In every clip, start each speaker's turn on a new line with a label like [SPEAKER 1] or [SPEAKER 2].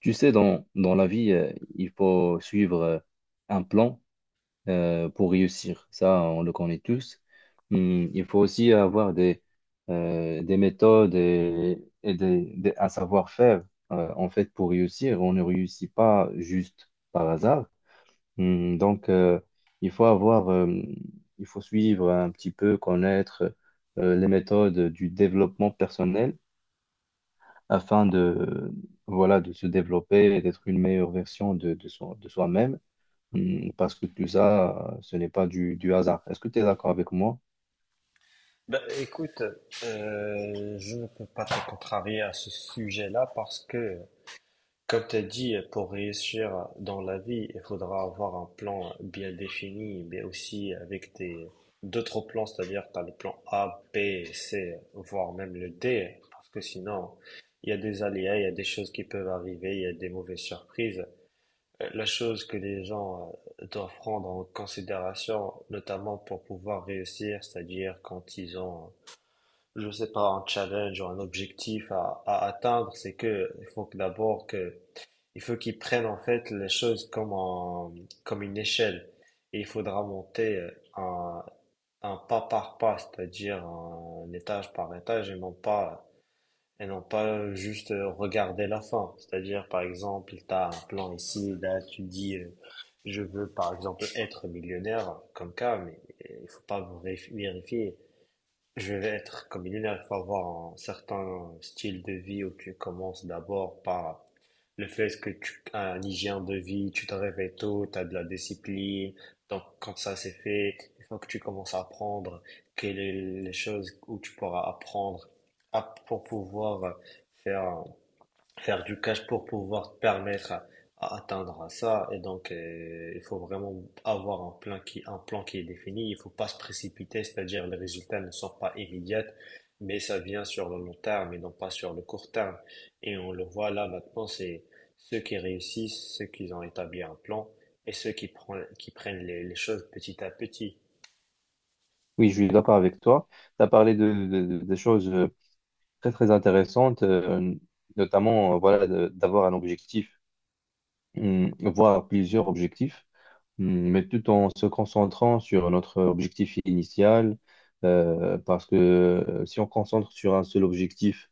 [SPEAKER 1] Tu sais, dans la vie, il faut suivre un plan pour réussir. Ça, on le connaît tous. Il faut aussi avoir des méthodes et un savoir-faire. En fait, pour réussir, on ne réussit pas juste par hasard. Donc, il faut avoir, euh, il faut suivre un petit peu, connaître les méthodes du développement personnel afin de, voilà, de se développer et d'être une meilleure version de soi, de soi-même. Parce que tout ça, ce n'est pas du hasard. Est-ce que tu es d'accord avec moi?
[SPEAKER 2] Ben, écoute, je ne peux pas te contrarier à ce sujet-là parce que, comme tu as dit, pour réussir dans la vie, il faudra avoir un plan bien défini, mais aussi avec des d'autres plans, c'est-à-dire tu as le plan A, B, C, voire même le D, parce que sinon, il y a des aléas, il y a des choses qui peuvent arriver, il y a des mauvaises surprises. La chose que les gens doivent prendre en considération, notamment pour pouvoir réussir, c'est-à-dire quand ils ont je sais pas, un challenge ou un objectif à atteindre, c'est que il faut que d'abord que il faut qu'ils prennent en fait les choses comme une échelle et il faudra monter un pas par pas, c'est-à-dire un étage par étage et non pas juste regarder la fin. C'est-à-dire par exemple, tu as un plan ici, là tu dis je veux par exemple être millionnaire comme cas, mais il faut pas vérifier je vais être comme il est là, il faut avoir un certain style de vie où tu commences d'abord par le fait que tu as un hygiène de vie, tu te réveilles tôt, tu as de la discipline. Donc, quand ça c'est fait, il faut que tu commences à apprendre quelles sont les choses où tu pourras apprendre pour pouvoir faire faire du cash pour pouvoir te permettre à atteindre ça. Et donc, il faut vraiment avoir un plan qui est défini. Il faut pas se précipiter, c'est-à-dire les résultats ne sont pas immédiats, mais ça vient sur le long terme et non pas sur le court terme. Et on le voit là maintenant, c'est ceux qui réussissent, ceux qui ont établi un plan et ceux qui prennent les choses petit à petit.
[SPEAKER 1] Oui, je suis d'accord avec toi. Tu as parlé des choses très, très intéressantes, notamment, voilà, d'avoir un objectif, voire plusieurs objectifs, mais tout en se concentrant sur notre objectif initial, parce que si on concentre sur un seul objectif,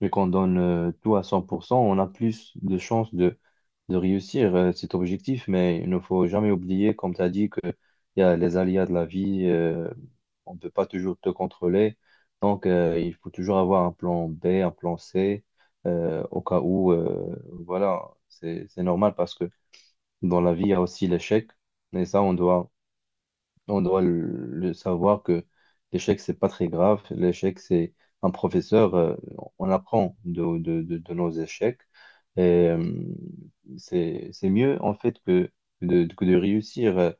[SPEAKER 1] vu qu'on donne tout à 100%, on a plus de chances de réussir cet objectif. Mais il ne faut jamais oublier, comme tu as dit, qu'il y a les aléas de la vie. On ne peut pas toujours te contrôler. Donc, il faut toujours avoir un plan B, un plan C, au cas où. Voilà, c'est normal, parce que dans la vie, il y a aussi l'échec, et ça, on doit le savoir, que l'échec, c'est pas très grave. L'échec, c'est un professeur. On apprend de nos échecs. Et euh, c'est mieux, en fait, que de réussir euh,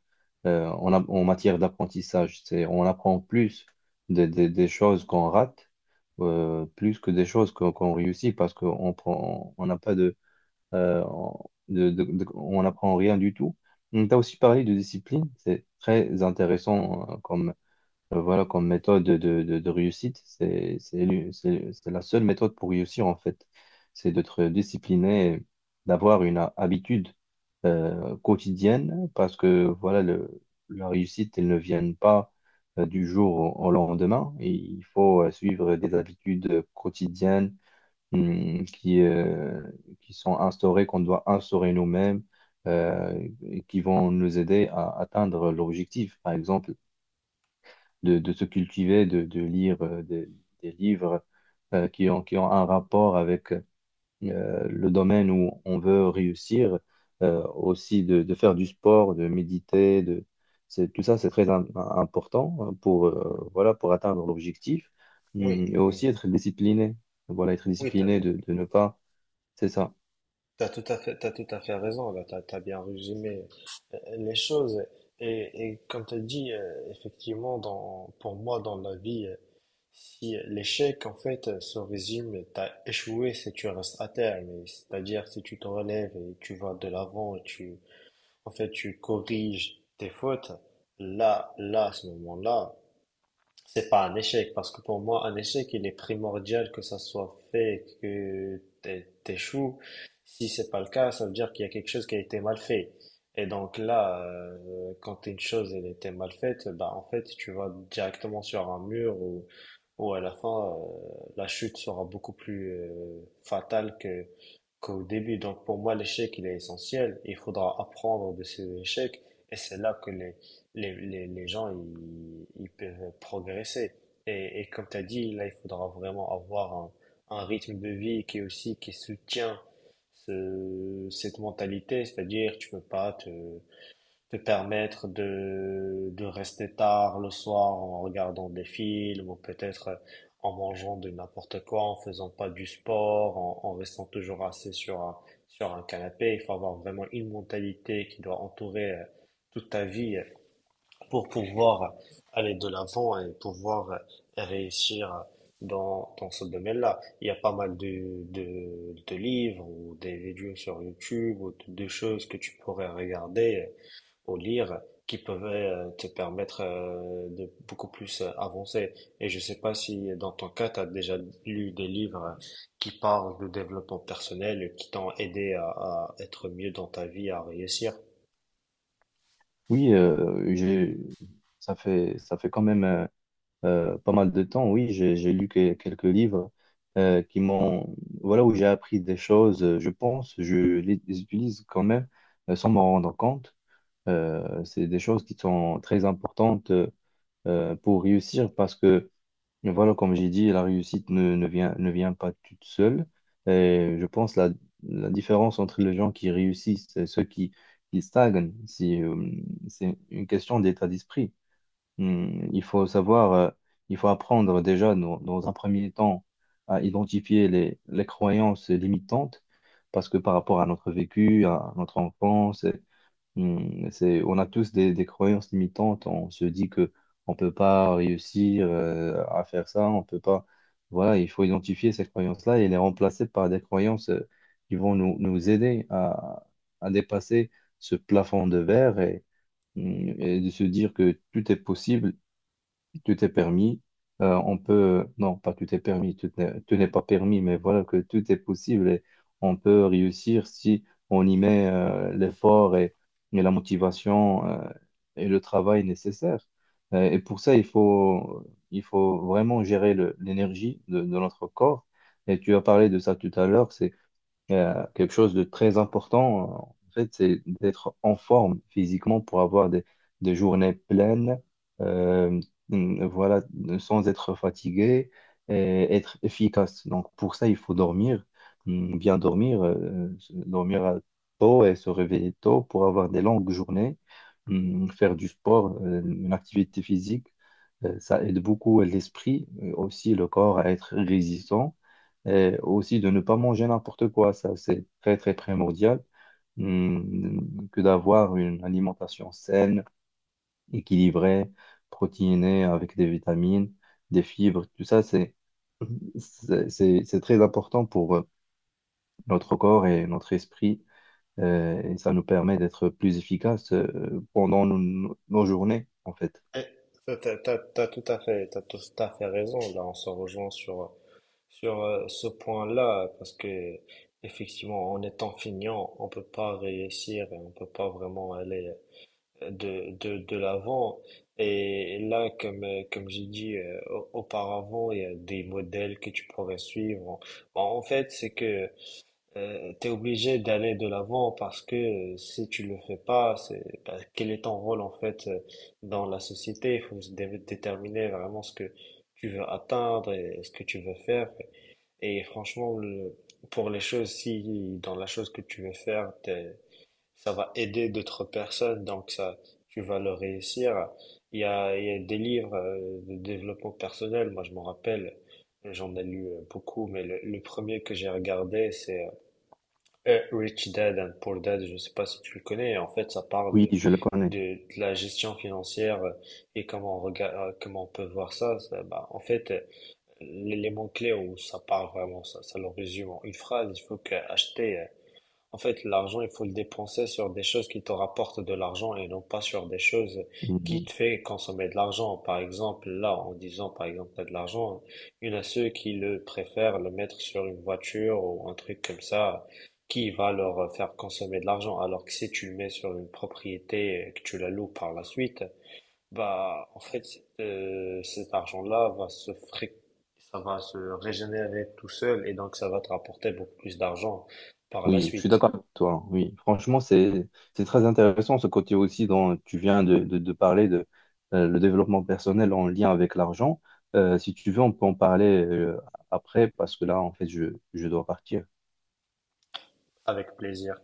[SPEAKER 1] euh, en, en matière d'apprentissage. C'est, on apprend plus des choses qu'on rate, plus que des choses qu'on réussit, parce qu'on prend, on n'a pas on n'apprend rien du tout. On t'a aussi parlé de discipline. C'est très intéressant voilà, comme méthode de réussite. C'est la seule méthode pour réussir, en fait: c'est d'être discipliné, d'avoir une habitude quotidienne, parce que voilà, la réussite, elle ne vient pas du jour au lendemain. Et il faut suivre des habitudes quotidiennes hum, qui, euh, qui sont instaurés, qu'on doit instaurer nous-mêmes, et qui vont nous aider à atteindre l'objectif: par exemple, de se cultiver, de lire des livres qui ont un rapport avec le domaine où on veut réussir, aussi de faire du sport, de méditer, de... Tout ça, c'est très important, hein, pour, voilà, pour atteindre l'objectif,
[SPEAKER 2] Oui,
[SPEAKER 1] Et
[SPEAKER 2] oui,
[SPEAKER 1] aussi être discipliné. Voilà, être
[SPEAKER 2] oui,
[SPEAKER 1] discipliné, de ne pas, c'est ça.
[SPEAKER 2] t'as tout à fait, t'as tout à fait raison, là, t'as bien résumé les choses. Et comme t'as dit, effectivement, pour moi, dans la vie, si l'échec, en fait, se résume, t'as échoué si tu restes à terre, mais c'est-à-dire si tu te relèves et tu vas de l'avant, en fait, tu corriges tes fautes, là, à ce moment-là, c'est pas un échec, parce que pour moi, un échec, il est primordial que ça soit fait, que t'échoues. Si c'est pas le cas, ça veut dire qu'il y a quelque chose qui a été mal fait. Et donc là, quand une chose elle était mal faite, bah en fait, tu vas directement sur un mur où à la fin, la chute sera beaucoup plus fatale que qu'au début. Donc pour moi, l'échec, il est essentiel. Il faudra apprendre de ces échecs, et c'est là que les gens, ils peuvent progresser. Et comme tu as dit, là, il faudra vraiment avoir un rythme de vie qui est aussi, qui soutient cette mentalité, c'est-à-dire tu peux pas te permettre de rester tard le soir en regardant des films ou peut-être en mangeant de n'importe quoi, en faisant pas du sport, en restant toujours assis sur sur un canapé. Il faut avoir vraiment une mentalité qui doit entourer toute ta vie pour pouvoir aller de l'avant et pouvoir réussir dans ce domaine-là. Il y a pas mal de livres ou des vidéos sur YouTube ou de choses que tu pourrais regarder ou lire qui peuvent te permettre de beaucoup plus avancer. Et je sais pas si dans ton cas, tu as déjà lu des livres qui parlent de développement personnel et qui t'ont aidé à être mieux dans ta vie, à réussir.
[SPEAKER 1] Oui, ça fait quand même pas mal de temps. Oui, j'ai lu quelques livres qui m'ont, voilà, où j'ai appris des choses. Je pense, je les utilise quand même sans m'en rendre compte. C'est des choses qui sont très importantes, pour réussir, parce que mais voilà, comme j'ai dit, la réussite ne vient pas toute seule. Et je pense la différence entre les gens qui réussissent et ceux qui stagnent, c'est une question d'état d'esprit. Il faut savoir, il faut apprendre déjà dans un premier temps à identifier les croyances limitantes, parce que par rapport à notre vécu, à notre enfance, c'est, on a tous des croyances limitantes. On se dit que on peut pas réussir à faire ça. On peut pas. Voilà, il faut identifier ces croyances-là et les remplacer par des croyances qui vont nous aider à dépasser ce plafond de verre, et, et de se dire que tout est possible. Tu t'es permis, on peut, non, pas tu t'es permis, tu n'es pas permis, mais voilà que tout est possible et on peut réussir si on y met l'effort et la motivation et le travail nécessaire. Et pour ça, il faut vraiment gérer l'énergie de notre corps. Et tu as parlé de ça tout à l'heure. C'est quelque chose de très important. En fait, c'est d'être en forme physiquement pour avoir des journées pleines, euh, voilà, sans être fatigué et être efficace. Donc, pour ça, il faut dormir, bien dormir, tôt, et se réveiller tôt pour avoir des longues journées. Faire du sport, une activité physique. Ça aide beaucoup l'esprit, aussi le corps à être résistant, et aussi de ne pas manger n'importe quoi. Ça, c'est très, très primordial. Que d'avoir une alimentation saine, équilibrée, protéinée, avec des vitamines, des fibres, tout ça, c'est très important pour, notre corps et notre esprit, et ça nous permet d'être plus efficaces pendant nos journées, en fait.
[SPEAKER 2] Eh, T'as tout à fait, t'as tout à fait raison. Là, on se rejoint sur ce point-là, parce que effectivement, en étant feignant, on peut pas réussir et on peut pas vraiment aller de l'avant. Et là, comme j'ai dit auparavant, il y a des modèles que tu pourrais suivre. Bon, en fait, c'est que t'es obligé d'aller de l'avant parce que si tu le fais pas, c'est bah, quel est ton rôle en fait dans la société? Il faut se déterminer vraiment ce que tu veux atteindre et ce que tu veux faire. Et franchement, pour les choses, si dans la chose que tu veux faire, ça va aider d'autres personnes, donc ça, tu vas le réussir. Il y a des livres de développement personnel. Moi, je m'en rappelle, j'en ai lu beaucoup, mais le premier que j'ai regardé, c'est Rich Dad and Poor Dad, je ne sais pas si tu le connais. En fait, ça parle
[SPEAKER 1] Oui, je le connais.
[SPEAKER 2] de la gestion financière et comment on regarde, comment on peut voir ça. Ça, bah, en fait, l'élément clé où ça parle vraiment, ça le résume en une phrase. Il faut que acheter, en fait, l'argent, il faut le dépenser sur des choses qui te rapportent de l'argent et non pas sur des choses
[SPEAKER 1] Hum,
[SPEAKER 2] qui
[SPEAKER 1] hum.
[SPEAKER 2] te fait consommer de l'argent. Par exemple, là, en disant, par exemple, t'as de l'argent, il y en a ceux qui le préfèrent le mettre sur une voiture ou un truc comme ça qui va leur faire consommer de l'argent. Alors que si tu le mets sur une propriété et que tu la loues par la suite, bah, en fait, cet argent-là va se ça va se régénérer tout seul et donc ça va te rapporter beaucoup plus d'argent par la
[SPEAKER 1] Oui, je suis
[SPEAKER 2] suite.
[SPEAKER 1] d'accord avec toi, hein. Oui, franchement, c'est très intéressant, ce côté aussi dont tu viens de parler, de le développement personnel en lien avec l'argent. Si tu veux, on peut en parler après, parce que là, en fait, je dois partir.
[SPEAKER 2] Avec plaisir.